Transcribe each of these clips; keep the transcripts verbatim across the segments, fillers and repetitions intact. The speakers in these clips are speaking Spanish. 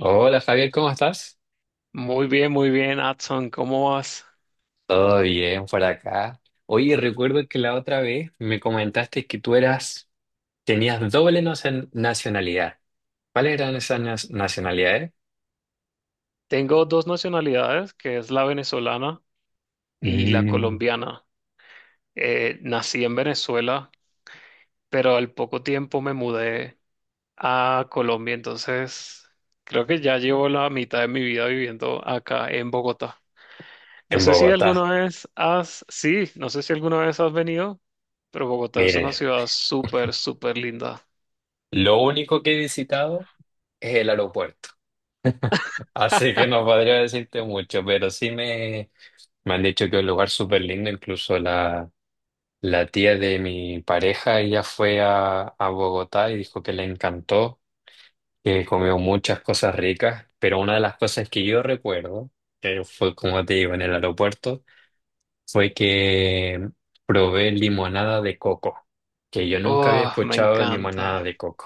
Hola, Javier, ¿cómo estás? Muy bien, muy bien, Adson, ¿cómo vas? Todo bien por acá. Oye, recuerdo que la otra vez me comentaste que tú eras, tenías doble nacio- nacionalidad. ¿Cuáles eran esas nas- nacionalidades? Tengo dos nacionalidades, que es la venezolana y la Mm, colombiana. Eh, nací en Venezuela, pero al poco tiempo me mudé a Colombia, entonces creo que ya llevo la mitad de mi vida viviendo acá en Bogotá. No en sé si Bogotá. alguna vez has, sí, no sé si alguna vez has venido, pero Bogotá es una Mire, ciudad súper, súper linda. lo único que he visitado es el aeropuerto. Así que no podría decirte mucho, pero sí me, me han dicho que es un lugar súper lindo. Incluso la, la tía de mi pareja, ella fue a, a Bogotá y dijo que le encantó, que comió muchas cosas ricas, pero una de las cosas que yo recuerdo, que fue como te digo, en el aeropuerto, fue que probé limonada de coco, que yo nunca había Oh, me escuchado de limonada encanta. de coco.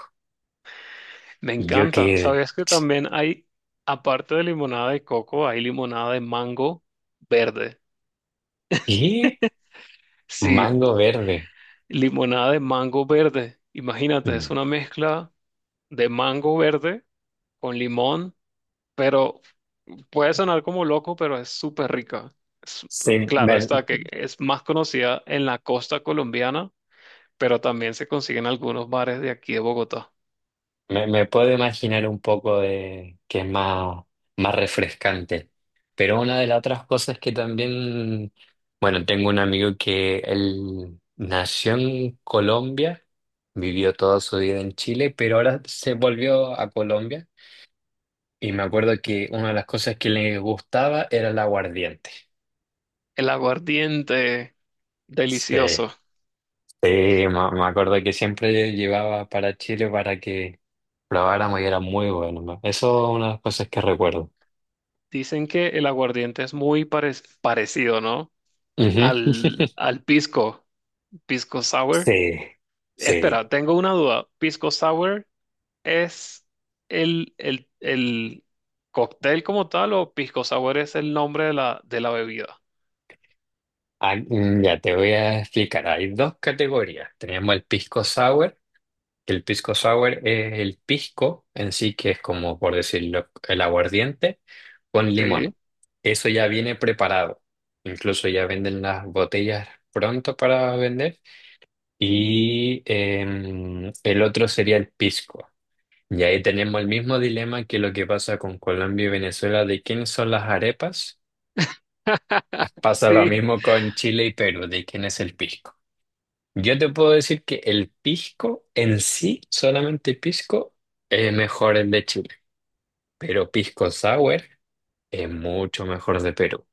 Me Y yo encanta. quedé, ¿Sabes que también hay, aparte de limonada de coco, hay limonada de mango verde? ¿qué? Sí, Mango verde. limonada de mango verde. Imagínate, es una Mm. mezcla de mango verde con limón, pero puede sonar como loco, pero es súper rica. Es- Sí, claro, me- está que es más conocida en la costa colombiana, pero también se consigue en algunos bares de aquí de Bogotá. Me, me puedo imaginar un poco de que es más, más refrescante. Pero una de las otras cosas que también, bueno, tengo un amigo que él nació en Colombia, vivió toda su vida en Chile, pero ahora se volvió a Colombia. Y me acuerdo que una de las cosas que le gustaba era el aguardiente. El aguardiente, Sí, delicioso. sí, me, me acuerdo que siempre llevaba para Chile para que probáramos y era muy bueno, ¿no? Eso es una de las cosas que recuerdo. Dicen que el aguardiente es muy parec- parecido, ¿no? Ujú. Al, al pisco, pisco sour. Sí, sí. Espera, tengo una duda. ¿Pisco sour es el, el, el cóctel como tal o pisco sour es el nombre de la, de la bebida? Ah, mm, ya te voy a explicar. Hay dos categorías. Tenemos el pisco sour, que el pisco sour es el pisco en sí, que es como, por decirlo, el aguardiente con Sí, limón. Eso ya viene preparado. Incluso ya venden las botellas pronto para vender. Y em, el otro sería el pisco. Y ahí tenemos el mismo dilema que lo que pasa con Colombia y Venezuela de quiénes son las arepas. Pasa lo sí. mismo con Chile y Perú, de quién es el pisco. Yo te puedo decir que el pisco en sí, solamente pisco, es mejor el de Chile, pero pisco sour es mucho mejor de Perú.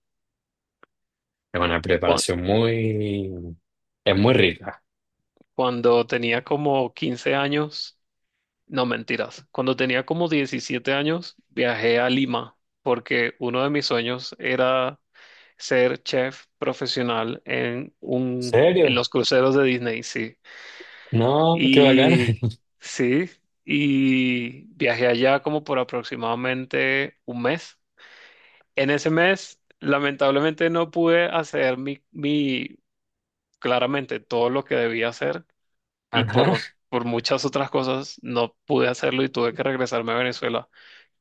Es una Cu- preparación muy... es muy rica. Cuando tenía como quince años, no mentiras, cuando tenía como diecisiete años, viajé a Lima porque uno de mis sueños era ser chef profesional en un, en ¿Serio? los cruceros de Disney, sí. No, qué bacana. Y sí, y viajé allá como por aproximadamente un mes. En ese mes, lamentablemente no pude hacer mi, mi, claramente todo lo que debía hacer y Ajá. por, por muchas otras cosas no pude hacerlo y tuve que regresarme a Venezuela.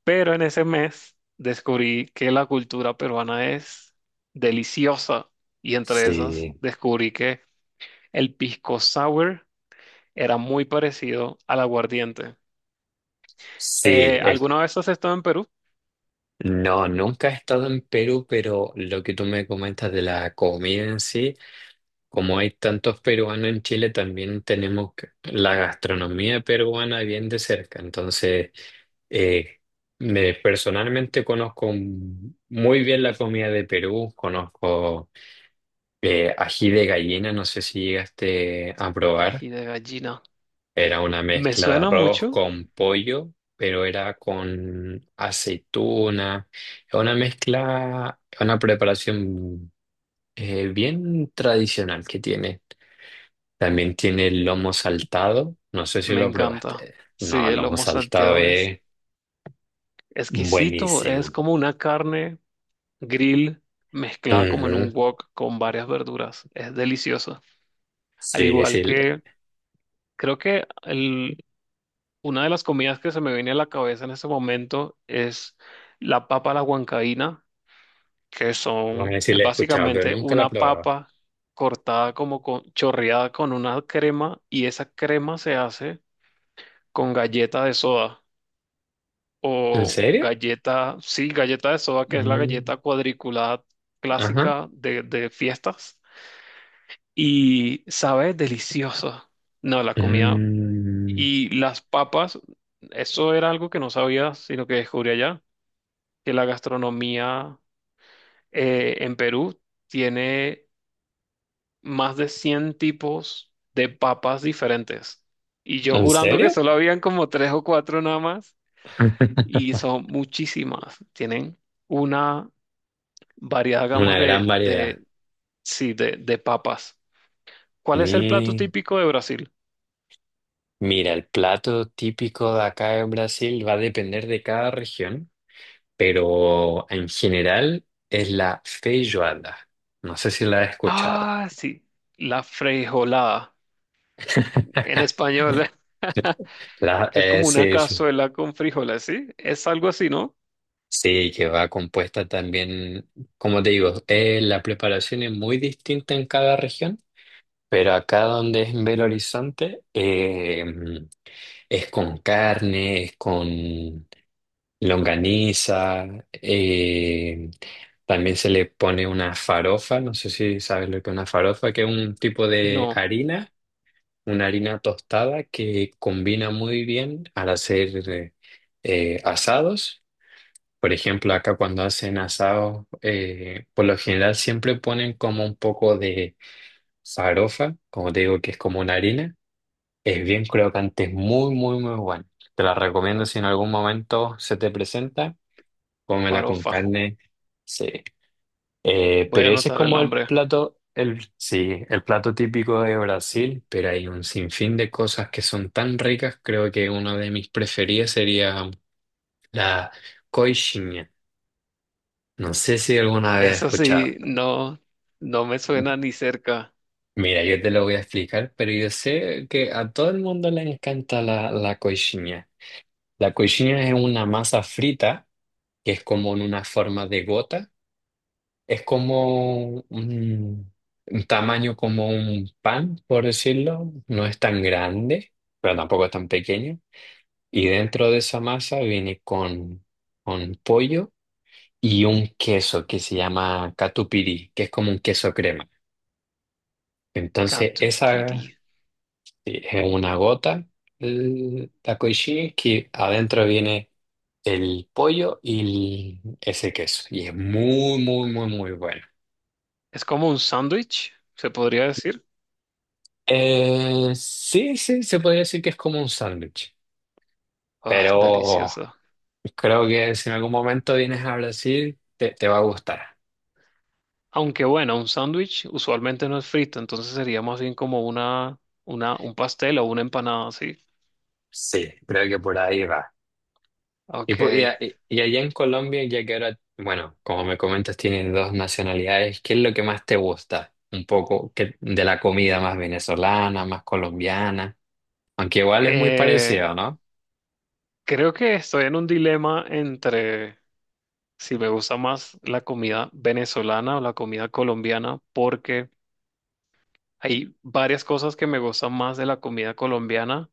Pero en ese mes descubrí que la cultura peruana es deliciosa y entre esas Sí, descubrí que el pisco sour era muy parecido al aguardiente. sí. Eh, es- ¿alguna vez has estado en Perú? No, nunca he estado en Perú, pero lo que tú me comentas de la comida en sí. Como hay tantos peruanos en Chile, también tenemos que- la gastronomía peruana bien de cerca. Entonces, eh, me personalmente conozco muy bien la comida de Perú, conozco eh, ají de gallina, no sé si llegaste a probar. Ay, de gallina. Era una Me mezcla de suena arroz mucho, con pollo, pero era con aceituna. Una mezcla, una preparación eh, bien tradicional que tiene. También tiene el lomo saltado. No sé si me lo encanta. probaste. Sí, No, el el lomo lomo saltado salteado es es exquisito, es buenísimo. como una carne grill mezclada como en un Ujú. wok con varias verduras. Es delicioso. Al Sí, igual sí, le- que creo que el una de las comidas que se me viene a la cabeza en ese momento es la papa a la huancaína, que vamos a son, decir, la es he escuchado, pero básicamente nunca la he una probado. papa cortada como con, chorreada con una crema y esa crema se hace con galleta de soda ¿En o serio? galleta, sí, galleta de soda, que es la Mm, galleta cuadriculada ajá. clásica de, de fiestas y sabe deliciosa. No, la comida Mm, y las papas, eso era algo que no sabía, sino que descubrí allá, que la gastronomía eh, en Perú tiene más de cien tipos de papas diferentes. Y yo ¿en jurando que serio? solo habían como tres o cuatro nada más, y son muchísimas. Tienen una variada gama Una gran de, variedad. de, sí, de, de papas. ¿Cuál es el plato Mi- típico de Brasil? mira, el plato típico de acá en Brasil va a depender de cada región, pero en general es la feijoada. No sé si la has escuchado. Ah, sí, la frijolada en español. La, que es eh, como una sí, sí. cazuela con frijoles, ¿sí? Es algo así, ¿no? Sí, que va compuesta también, como te digo, eh, la preparación es muy distinta en cada región, pero acá donde es en Belo Horizonte eh, es con carne, es con longaniza, eh, también se le pone una farofa, no sé si sabes lo que es una farofa, que es un tipo de No, harina, una harina tostada que combina muy bien al hacer... eh, eh, asados. Por ejemplo, acá cuando hacen asado, eh, por lo general siempre ponen como un poco de farofa, como te digo, que es como una harina. Es bien crocante, es muy, muy, muy bueno. Te la recomiendo si en algún momento se te presenta, cómela con farofa. carne. Sí. Eh, Voy a pero ese es anotar el como el nombre. plato, el, sí, el plato típico de Brasil, pero hay un sinfín de cosas que son tan ricas. Creo que una de mis preferidas sería la coxinha. No sé si alguna vez he Eso escuchado. sí, no, no me suena ni cerca. Mira, yo te lo voy a explicar, pero yo sé que a todo el mundo le encanta la, la coxinha. La coxinha es una masa frita que es como en una forma de gota. Es como un, un tamaño como un pan, por decirlo. No es tan grande, pero tampoco es tan pequeño. Y dentro de esa masa viene con, con pollo y un queso que se llama catupiry, que es como un queso crema. Entonces, esa Catupiry. sí, es una gota, el- la koji, que adentro viene el pollo y el- ese queso. Y es muy, muy, muy, muy bueno. Es como un sándwich, se podría decir. Eh, sí, sí, se podría decir que es como un sándwich. Ah, Pero delicioso. creo que si en algún momento vienes a Brasil, te, te va a gustar. Aunque bueno, un sándwich usualmente no es frito, entonces sería más bien como una, una, un pastel o una empanada, ¿sí? Sí, creo que por ahí va. Y, Ok. pu- y, a- y- y allá en Colombia, ya que ahora, bueno, como me comentas, tienes dos nacionalidades, ¿qué es lo que más te gusta? Un poco que, de la comida más venezolana, más colombiana, aunque igual es muy Eh, parecido, ¿no? Creo que estoy en un dilema entre si me gusta más la comida venezolana o la comida colombiana, porque hay varias cosas que me gustan más de la comida colombiana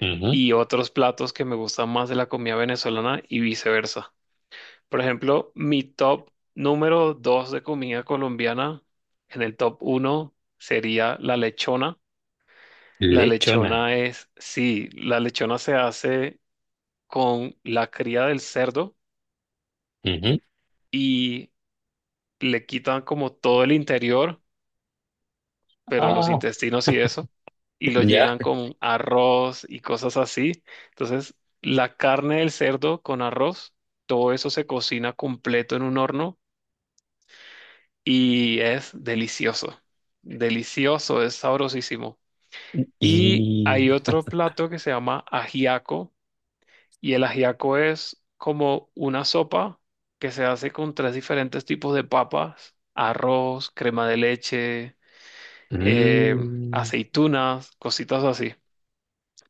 Ujú. y otros platos que me gustan más de la comida venezolana y viceversa. Por ejemplo, mi top número dos de comida colombiana, en el top uno sería la lechona. La Lechona. lechona es, sí, la lechona se hace con la cría del cerdo Ujú. y le quitan como todo el interior, pero los Ah, intestinos y eso, y lo ya. llenan con arroz y cosas así. Entonces, la carne del cerdo con arroz, todo eso se cocina completo en un horno y es delicioso. Delicioso, es sabrosísimo. Y Y... hay otro plato que se llama ajiaco, y el ajiaco es como una sopa que se hace con tres diferentes tipos de papas, arroz, crema de leche, eh, mm, aceitunas, cositas así.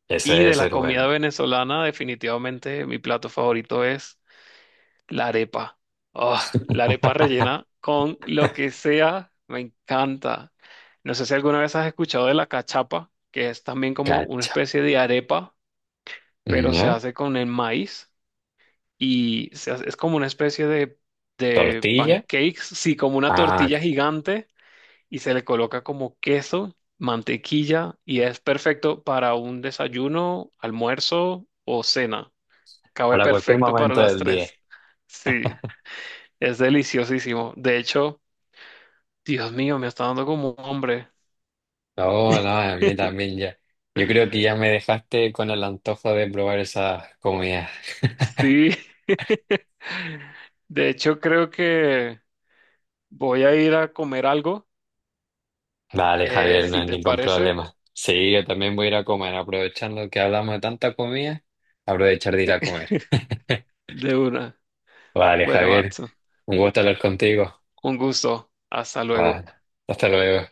ese Y debe de la ser comida bueno. venezolana, definitivamente mi plato favorito es la arepa. Ah, la arepa rellena con lo que sea, me encanta. No sé si alguna vez has escuchado de la cachapa, que es también como una Cacha. especie de arepa, pero se ¿Ya? hace con el maíz y se hace- es como una especie de, de Tortilla. pancakes, sí, como una Ah, tortilla que- gigante y se le coloca como queso, mantequilla y es perfecto para un desayuno, almuerzo o cena. Cabe para cualquier perfecto para momento las del día. tres. Sí, es deliciosísimo. De hecho, Dios mío, me está dando como un hombre. No, no, a mí también ya. Yo creo que ya me dejaste con el antojo de probar esas comidas. Sí. De hecho, creo que voy a ir a comer algo, Dale, eh, Javier, no si hay te ningún parece, problema. Sí, yo también voy a ir a comer, aprovechando que hablamos de tanta comida, aprovechar de ir a comer. de una. Vale, Bueno, Javier, Watson, un gusto hablar contigo. un gusto. Hasta Vale, luego. hasta luego.